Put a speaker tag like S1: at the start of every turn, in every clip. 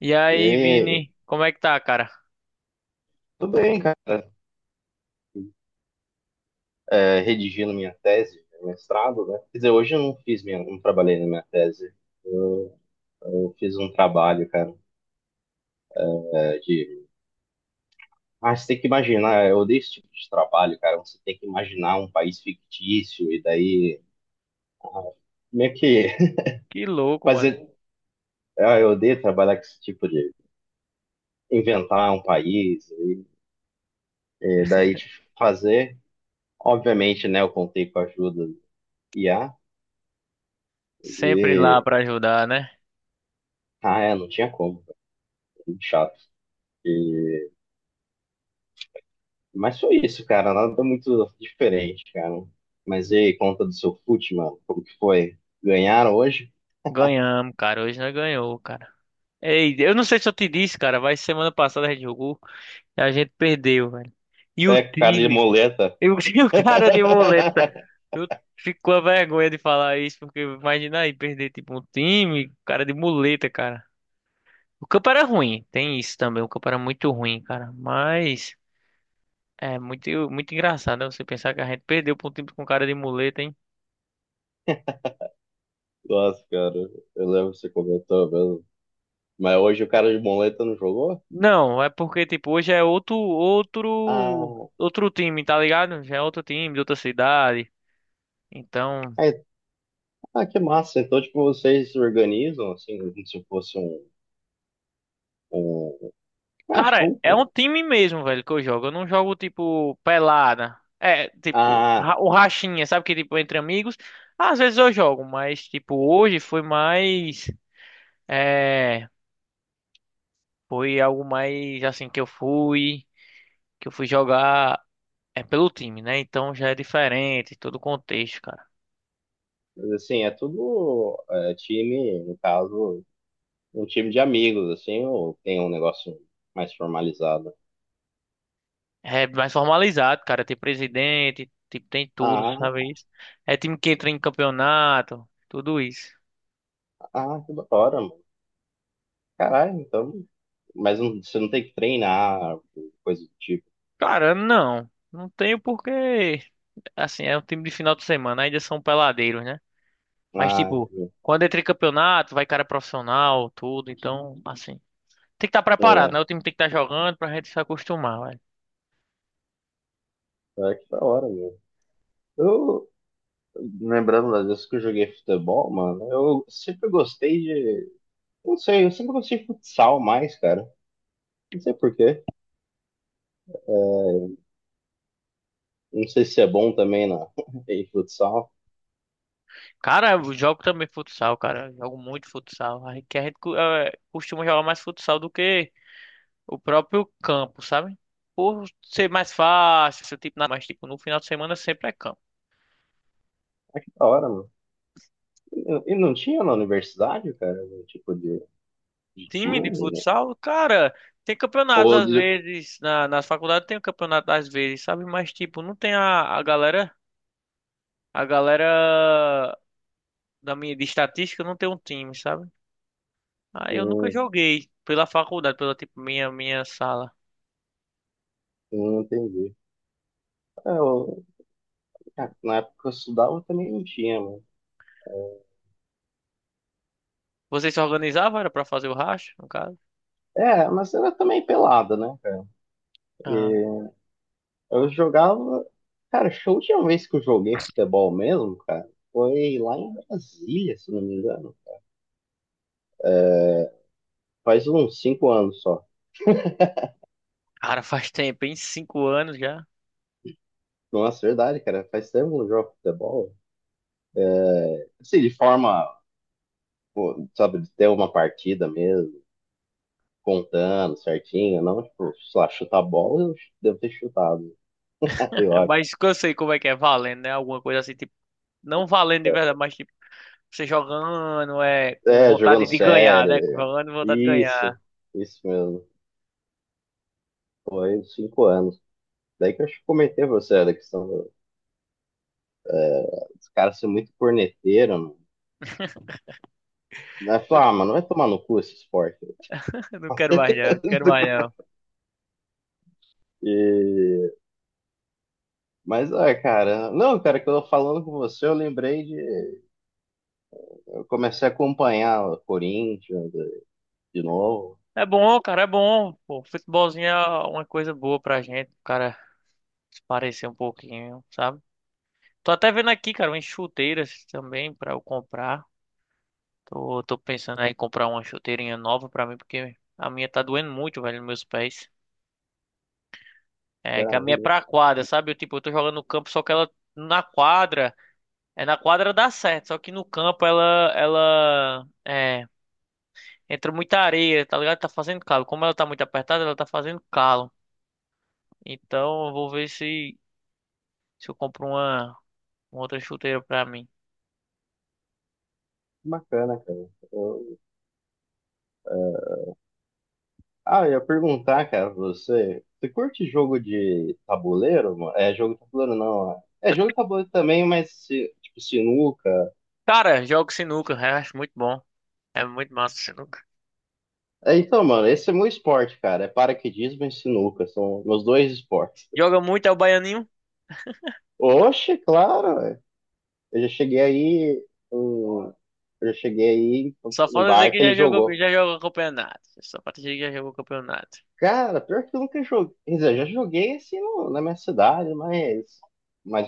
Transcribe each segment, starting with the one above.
S1: E
S2: E
S1: aí,
S2: aí,
S1: Vini, como é que tá, cara?
S2: tudo bem, cara? É, redigindo minha tese, meu mestrado, né? Quer dizer, hoje eu não fiz minha, não trabalhei na minha tese. Eu, eu fiz um trabalho, cara, é, de. Ah, você tem que imaginar, eu odeio esse tipo de trabalho, cara. Você tem que imaginar um país fictício e daí. Ah, meio que
S1: Que louco, mano.
S2: fazer. Ah, eu odeio trabalhar com esse tipo de. Inventar um país e daí de fazer. Obviamente, né? Eu contei com a ajuda do IA
S1: Sempre lá
S2: e.
S1: pra ajudar, né?
S2: Ah, é, não tinha como, cara, muito chato. E- Mas foi isso, cara. Nada muito diferente, cara. Mas e aí, conta do seu fute, mano? Como que foi? Ganharam hoje?
S1: Ganhamos, cara. Hoje nós ganhou, cara. Ei, eu não sei se eu te disse, cara, mas semana passada a gente jogou e a gente perdeu, velho. E o
S2: É, cara de
S1: time,
S2: moleta.
S1: eu tinha o cara de boleta. Eu fico com a vergonha de falar isso, porque imagina aí perder tipo um time, cara de muleta, cara. O campo era ruim, tem isso também. O campo era muito ruim, cara. Mas é muito, muito engraçado, né? Você pensar que a gente perdeu pra um time com cara de muleta, hein?
S2: Nossa, cara. Eu lembro que você comentou mesmo. Mas hoje o cara de moleta não jogou?
S1: Não, é porque, tipo, hoje é outro, outro,
S2: Ah,
S1: outro time, tá ligado? Já é outro time de outra cidade. Então,
S2: é, ah, que massa. Então, tipo, vocês se organizam, assim, como se fosse um... um- ah,
S1: cara,
S2: tipo...
S1: é
S2: um-
S1: um time mesmo, velho, que eu jogo. Eu não jogo, tipo, pelada. É, tipo,
S2: Ah,
S1: o rachinha, sabe que, tipo, entre amigos. Às vezes eu jogo, mas, tipo, hoje foi mais, é, foi algo mais, assim, que eu fui jogar, é, pelo time, né? Então já é diferente, todo o contexto, cara.
S2: mas assim, é tudo é, time, no caso um time de amigos, assim, ou tem um negócio mais formalizado?
S1: É mais formalizado, cara. Tem presidente, tipo, tem tudo,
S2: Ah,
S1: sabe isso? É time que entra em campeonato, tudo isso.
S2: ah, que da hora, mano. Caralho, então. Mas não- você não tem que treinar, coisa do tipo.
S1: Cara, não. Não tenho porque, assim, é um time de final de semana, ainda são peladeiros, né? Mas,
S2: Ah,
S1: tipo,
S2: entendi.
S1: quando entra em campeonato, vai cara profissional, tudo, então, assim. Tem que estar preparado,
S2: É,
S1: né? O time tem que estar jogando pra gente se acostumar, velho.
S2: é que da hora, mesmo. Eu, lembrando das vezes que eu joguei futebol, mano, eu sempre gostei de. Não sei, eu sempre gostei de futsal mais, cara. Não sei por quê. Não sei se é bom também na, em futsal.
S1: Cara, eu jogo também futsal, cara. Eu jogo muito futsal. A gente, que a gente costuma jogar mais futsal do que o próprio campo, sabe? Por ser mais fácil, ser tipo, mas tipo, no final de semana sempre é campo.
S2: Que da hora, mano. E não tinha na universidade, cara, algum tipo de
S1: Time de
S2: time, né?
S1: futsal, cara, tem campeonatos
S2: Ou
S1: às
S2: de...
S1: vezes, nas faculdades tem um campeonato às vezes, sabe? Mas tipo, não tem a galera de estatística não tem um time, sabe? Aí eu nunca
S2: Hum,
S1: joguei pela faculdade, pela tipo, minha sala.
S2: não entendi. É, eu- é, na época que eu estudava também não tinha, mano.
S1: Vocês se organizavam, era pra fazer o racha, no caso?
S2: É, é, mas era também pelada, né, cara?
S1: Ah,
S2: E eu jogava. Cara, show de última vez que eu joguei futebol mesmo, cara, foi lá em Brasília, se não me engano. É, faz uns cinco anos só.
S1: cara, faz tempo, hein? 5 anos já.
S2: Nossa, é verdade, cara. Faz tempo que eu não jogo futebol. É, assim, de forma, pô, sabe, de ter uma partida mesmo. Contando certinho, não, tipo, sei lá, chutar bola, eu devo ter chutado, eu
S1: É,
S2: acho.
S1: mas eu sei como é que é valendo, né? Alguma coisa assim, não valendo de verdade, mas tipo, você jogando é com
S2: É,
S1: vontade
S2: jogando
S1: de ganhar, né?
S2: sério,
S1: Jogando com vontade de
S2: isso,
S1: ganhar.
S2: isso mesmo. Foi cinco anos. Daí que eu acho que comentei pra você da questão do, é, dos caras ser muito corneteiro, mano. Né? Falar, ah, mano, vai tomar no cu esse esporte.
S1: Eu não quero mais não, quero mais não.
S2: E... Mas, ah, cara, não, cara, que eu tô falando com você, eu lembrei de. Eu comecei a acompanhar o Corinthians de novo.
S1: É bom, cara, é bom. Pô, futebolzinho é uma coisa boa pra gente, o cara se parecer um pouquinho, sabe? Tô até vendo aqui, cara, umas chuteiras também pra eu comprar. Tô pensando aí em comprar uma chuteirinha nova pra mim, porque a minha tá doendo muito, velho, nos meus pés. É, que
S2: Cara,
S1: a minha é
S2: que
S1: pra quadra, sabe? Eu, tipo, eu tô jogando no campo, só que ela na quadra. É na quadra dá certo, só que no campo ela é, entra muita areia, tá ligado? Tá fazendo calo. Como ela tá muito apertada, ela tá fazendo calo. Então eu vou ver se eu compro uma outra chuteira pra mim.
S2: bacana, cara. Eu, é, ah, eu ia perguntar, cara, pra você, você curte jogo de tabuleiro, mano? É jogo de tabuleiro não, ó. É jogo de tabuleiro também, mas se- tipo sinuca.
S1: Cara, jogo sinuca, eu acho muito bom. É muito massa o sinuca.
S2: É, então, mano, esse é meu esporte, cara, é paraquedismo e sinuca, são meus dois esportes.
S1: Joga muito é o baianinho.
S2: Oxe, claro, ué. Eu já cheguei aí, em- eu já cheguei aí
S1: Só
S2: em
S1: falta dizer
S2: bar
S1: que
S2: que ele jogou.
S1: já jogou campeonato. Só falta dizer que já jogou campeonato.
S2: Cara, pior que eu nunca joguei, quer dizer, eu já joguei assim no- na minha cidade, mas,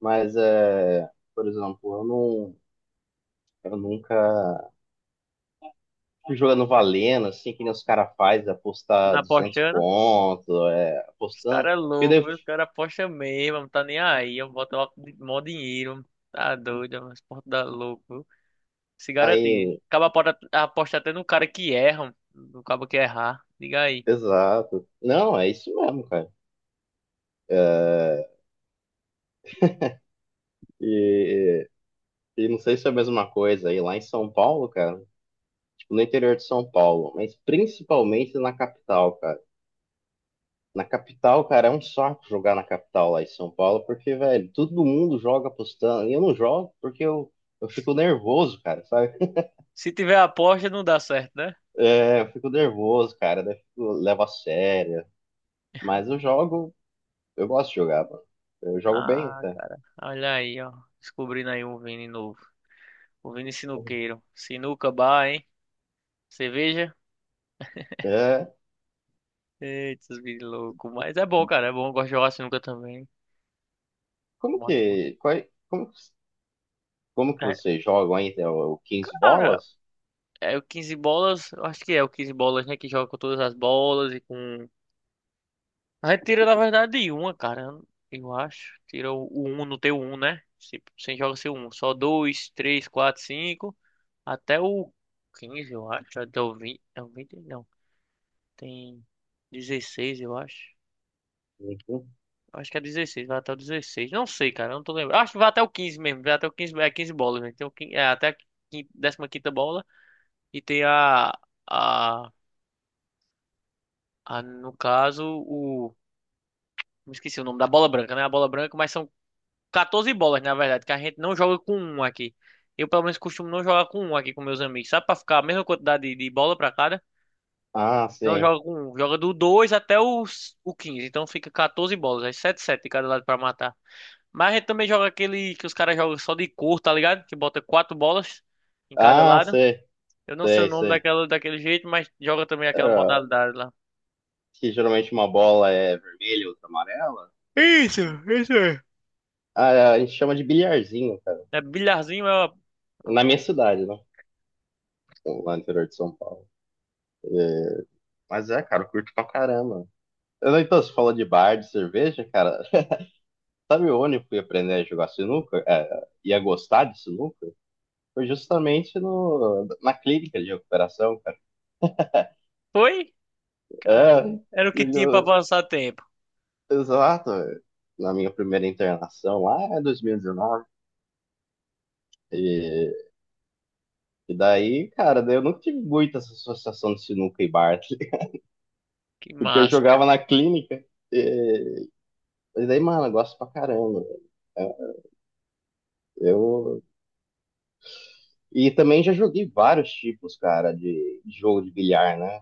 S2: mas é, por exemplo, eu não, eu nunca jogando valendo, assim, que nem os caras fazem, apostar
S1: Não
S2: 200
S1: apostando.
S2: pontos, é,
S1: Os caras
S2: apostando.
S1: é
S2: Porque
S1: louco,
S2: daí,
S1: viu? Os caras apostam mesmo, não tá nem aí. Eu boto lá mó dinheiro, tá doido, é umas portas da louco, viu? Se garantir.
S2: aí,
S1: Acaba pode apostar até no cara que erra, no cabo que errar. Diga aí.
S2: exato. Não, é isso mesmo, cara. É, e, e não sei se é a mesma coisa aí lá em São Paulo, cara, tipo, no interior de São Paulo, mas principalmente na capital, cara. Na capital, cara, é um saco jogar na capital lá em São Paulo, porque, velho, todo mundo joga apostando. E eu não jogo porque eu fico nervoso, cara, sabe?
S1: Se tiver aposta, não dá certo, né?
S2: É, eu fico nervoso, cara. Daí fico, levo a sério. Mas eu jogo, eu gosto de jogar, mano. Eu jogo bem
S1: Ah,
S2: até.
S1: cara, olha aí, ó. Descobrindo aí um Vini novo. O Vini Sinuqueiro. Sinuca bar, hein? Cerveja?
S2: É,
S1: Eita, os Vini louco. Mas é bom, cara, é bom. Eu gosto de jogar sinuca também.
S2: como
S1: Mostra.
S2: que, qual, é, como, como que vocês jogam ainda? O 15
S1: Cara,
S2: bolas?
S1: é o 15 bolas, eu acho que é o 15 bolas, né? Que joga com todas as bolas e com. A gente tira, na verdade, de uma, cara. Eu acho. Tira o um, não tem o um, né? Sem joga sem o um. Só dois, três, quatro, cinco. Até o 15, eu acho. Até o 20, é o 20, não. Tem 16, eu acho.
S2: Uhum.
S1: Eu acho que é 16, vai até o 16. Não sei, cara, eu não tô lembrando. Acho que vai até o 15 mesmo, vai até o 15, é 15 bolas, né? Tem o, é até a 15ª bola e tem a, no caso, o me esqueci o nome da bola branca, né? A bola branca, mas são 14 bolas, na verdade, que a gente não joga com um aqui. Eu, pelo menos, costumo não jogar com um aqui com meus amigos, sabe? Pra ficar a mesma quantidade de bola pra cada.
S2: Ah,
S1: Não
S2: sim.
S1: joga com um, joga do 2 até os, o 15. Então fica 14 bolas, aí 7 7 de cada lado pra matar. Mas a gente também joga aquele que os caras jogam só de cor, tá ligado? Que bota quatro bolas em cada
S2: Ah,
S1: lado.
S2: sei,
S1: Eu não sei o
S2: sei,
S1: nome
S2: sei.
S1: daquela, daquele jeito, mas joga também aquela
S2: É,
S1: modalidade lá.
S2: que geralmente uma bola é vermelha, outra amarela.
S1: Isso, isso. É
S2: Ah, é, a gente chama de bilharzinho, cara.
S1: é bilharzinho, é.
S2: Na
S1: Uma-
S2: minha cidade, né? Lá no interior de São Paulo. É, mas é, cara, eu curto pra caramba. Eu não- Então, você falou de bar, de cerveja, cara. Sabe onde eu fui aprender a jogar sinuca, é, e a gostar de sinuca? Foi justamente no, na clínica de recuperação, cara.
S1: foi?
S2: É,
S1: Cara, era o que tinha pra
S2: digo,
S1: passar tempo.
S2: exato. Na minha primeira internação lá, em 2019. E, dezenove. E daí, cara, daí eu nunca tive muito essa associação de sinuca e Bartley,
S1: Que
S2: porque eu
S1: massa,
S2: jogava
S1: cara.
S2: na clínica. E, e daí, mano, eu gosto pra caramba. É, eu, e também já joguei vários tipos, cara, de jogo de bilhar, né?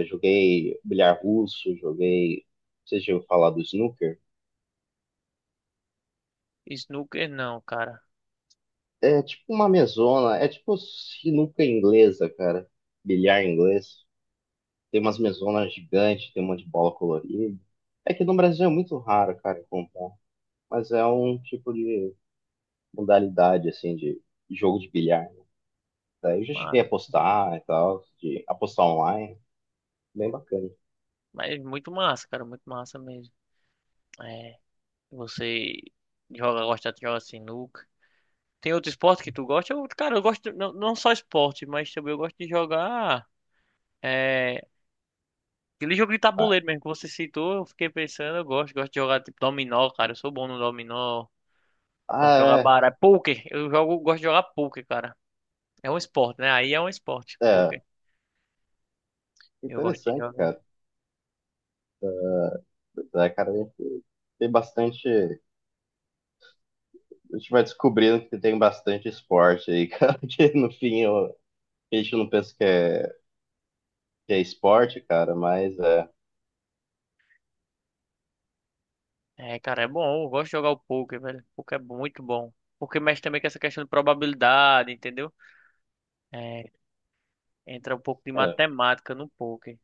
S2: Eu joguei bilhar russo, joguei. Vocês já ouviram falar do snooker?
S1: Snooker não, cara.
S2: É tipo uma mesona, é tipo sinuca inglesa, cara. Bilhar inglês. Tem umas mesonas gigantes, tem um monte de bola colorida. É que no Brasil é muito raro, cara, comprar. Mas é um tipo de modalidade, assim, de jogo de bilhar. Daí eu já cheguei
S1: Mas,
S2: a apostar e tal, de apostar online. Bem bacana.
S1: mas muito massa, cara. Muito massa mesmo. É, você joga, gosta de jogar sinuca. Tem outro esporte que tu gosta? Eu, cara, eu gosto, não, não só esporte, mas também eu gosto de jogar. É, aquele jogo de
S2: Ah,
S1: tabuleiro mesmo que você citou, eu fiquei pensando, eu gosto, gosto de jogar tipo dominó, cara. Eu sou bom no dominó. Gosto de jogar
S2: ah,
S1: baralho. Poker, eu jogo, gosto de jogar poker, cara. É um esporte, né? Aí é um esporte,
S2: é, é.
S1: poker. Eu gosto de
S2: Interessante,
S1: jogar.
S2: cara. É, cara, tem bastante a gente vai descobrindo que tem bastante esporte aí, cara, que no fim eu- a gente não pensa que é esporte, cara, mas é,
S1: É, cara, é bom. Eu gosto de jogar o poker, velho. O poker é muito bom. Porque mexe também com essa questão de probabilidade, entendeu? É, entra um pouco de
S2: é,
S1: matemática no poker.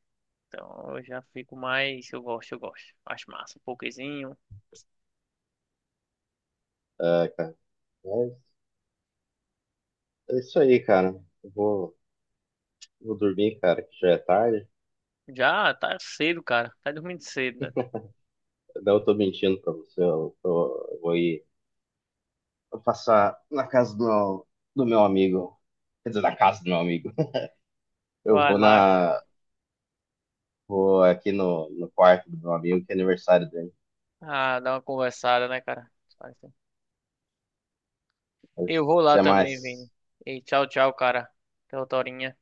S1: Então eu já fico mais. Eu gosto, eu gosto. Acho massa. Pokerzinho.
S2: é, cara, mas é isso aí, cara, eu vou, vou dormir, cara, que já é tarde,
S1: Já tá cedo, cara. Tá dormindo cedo, né?
S2: não, eu tô mentindo pra você, eu, tô, eu vou ir eu passar na casa do, do meu amigo, quer dizer, na casa do meu amigo, eu
S1: Vai
S2: vou
S1: lá, cara.
S2: na, vou aqui no, no quarto do meu amigo, que é aniversário dele,
S1: Ah, dá uma conversada, né, cara?
S2: mas
S1: Eu vou lá
S2: até
S1: também,
S2: mais.
S1: Vini. E tchau, tchau, cara. Até outra horinha.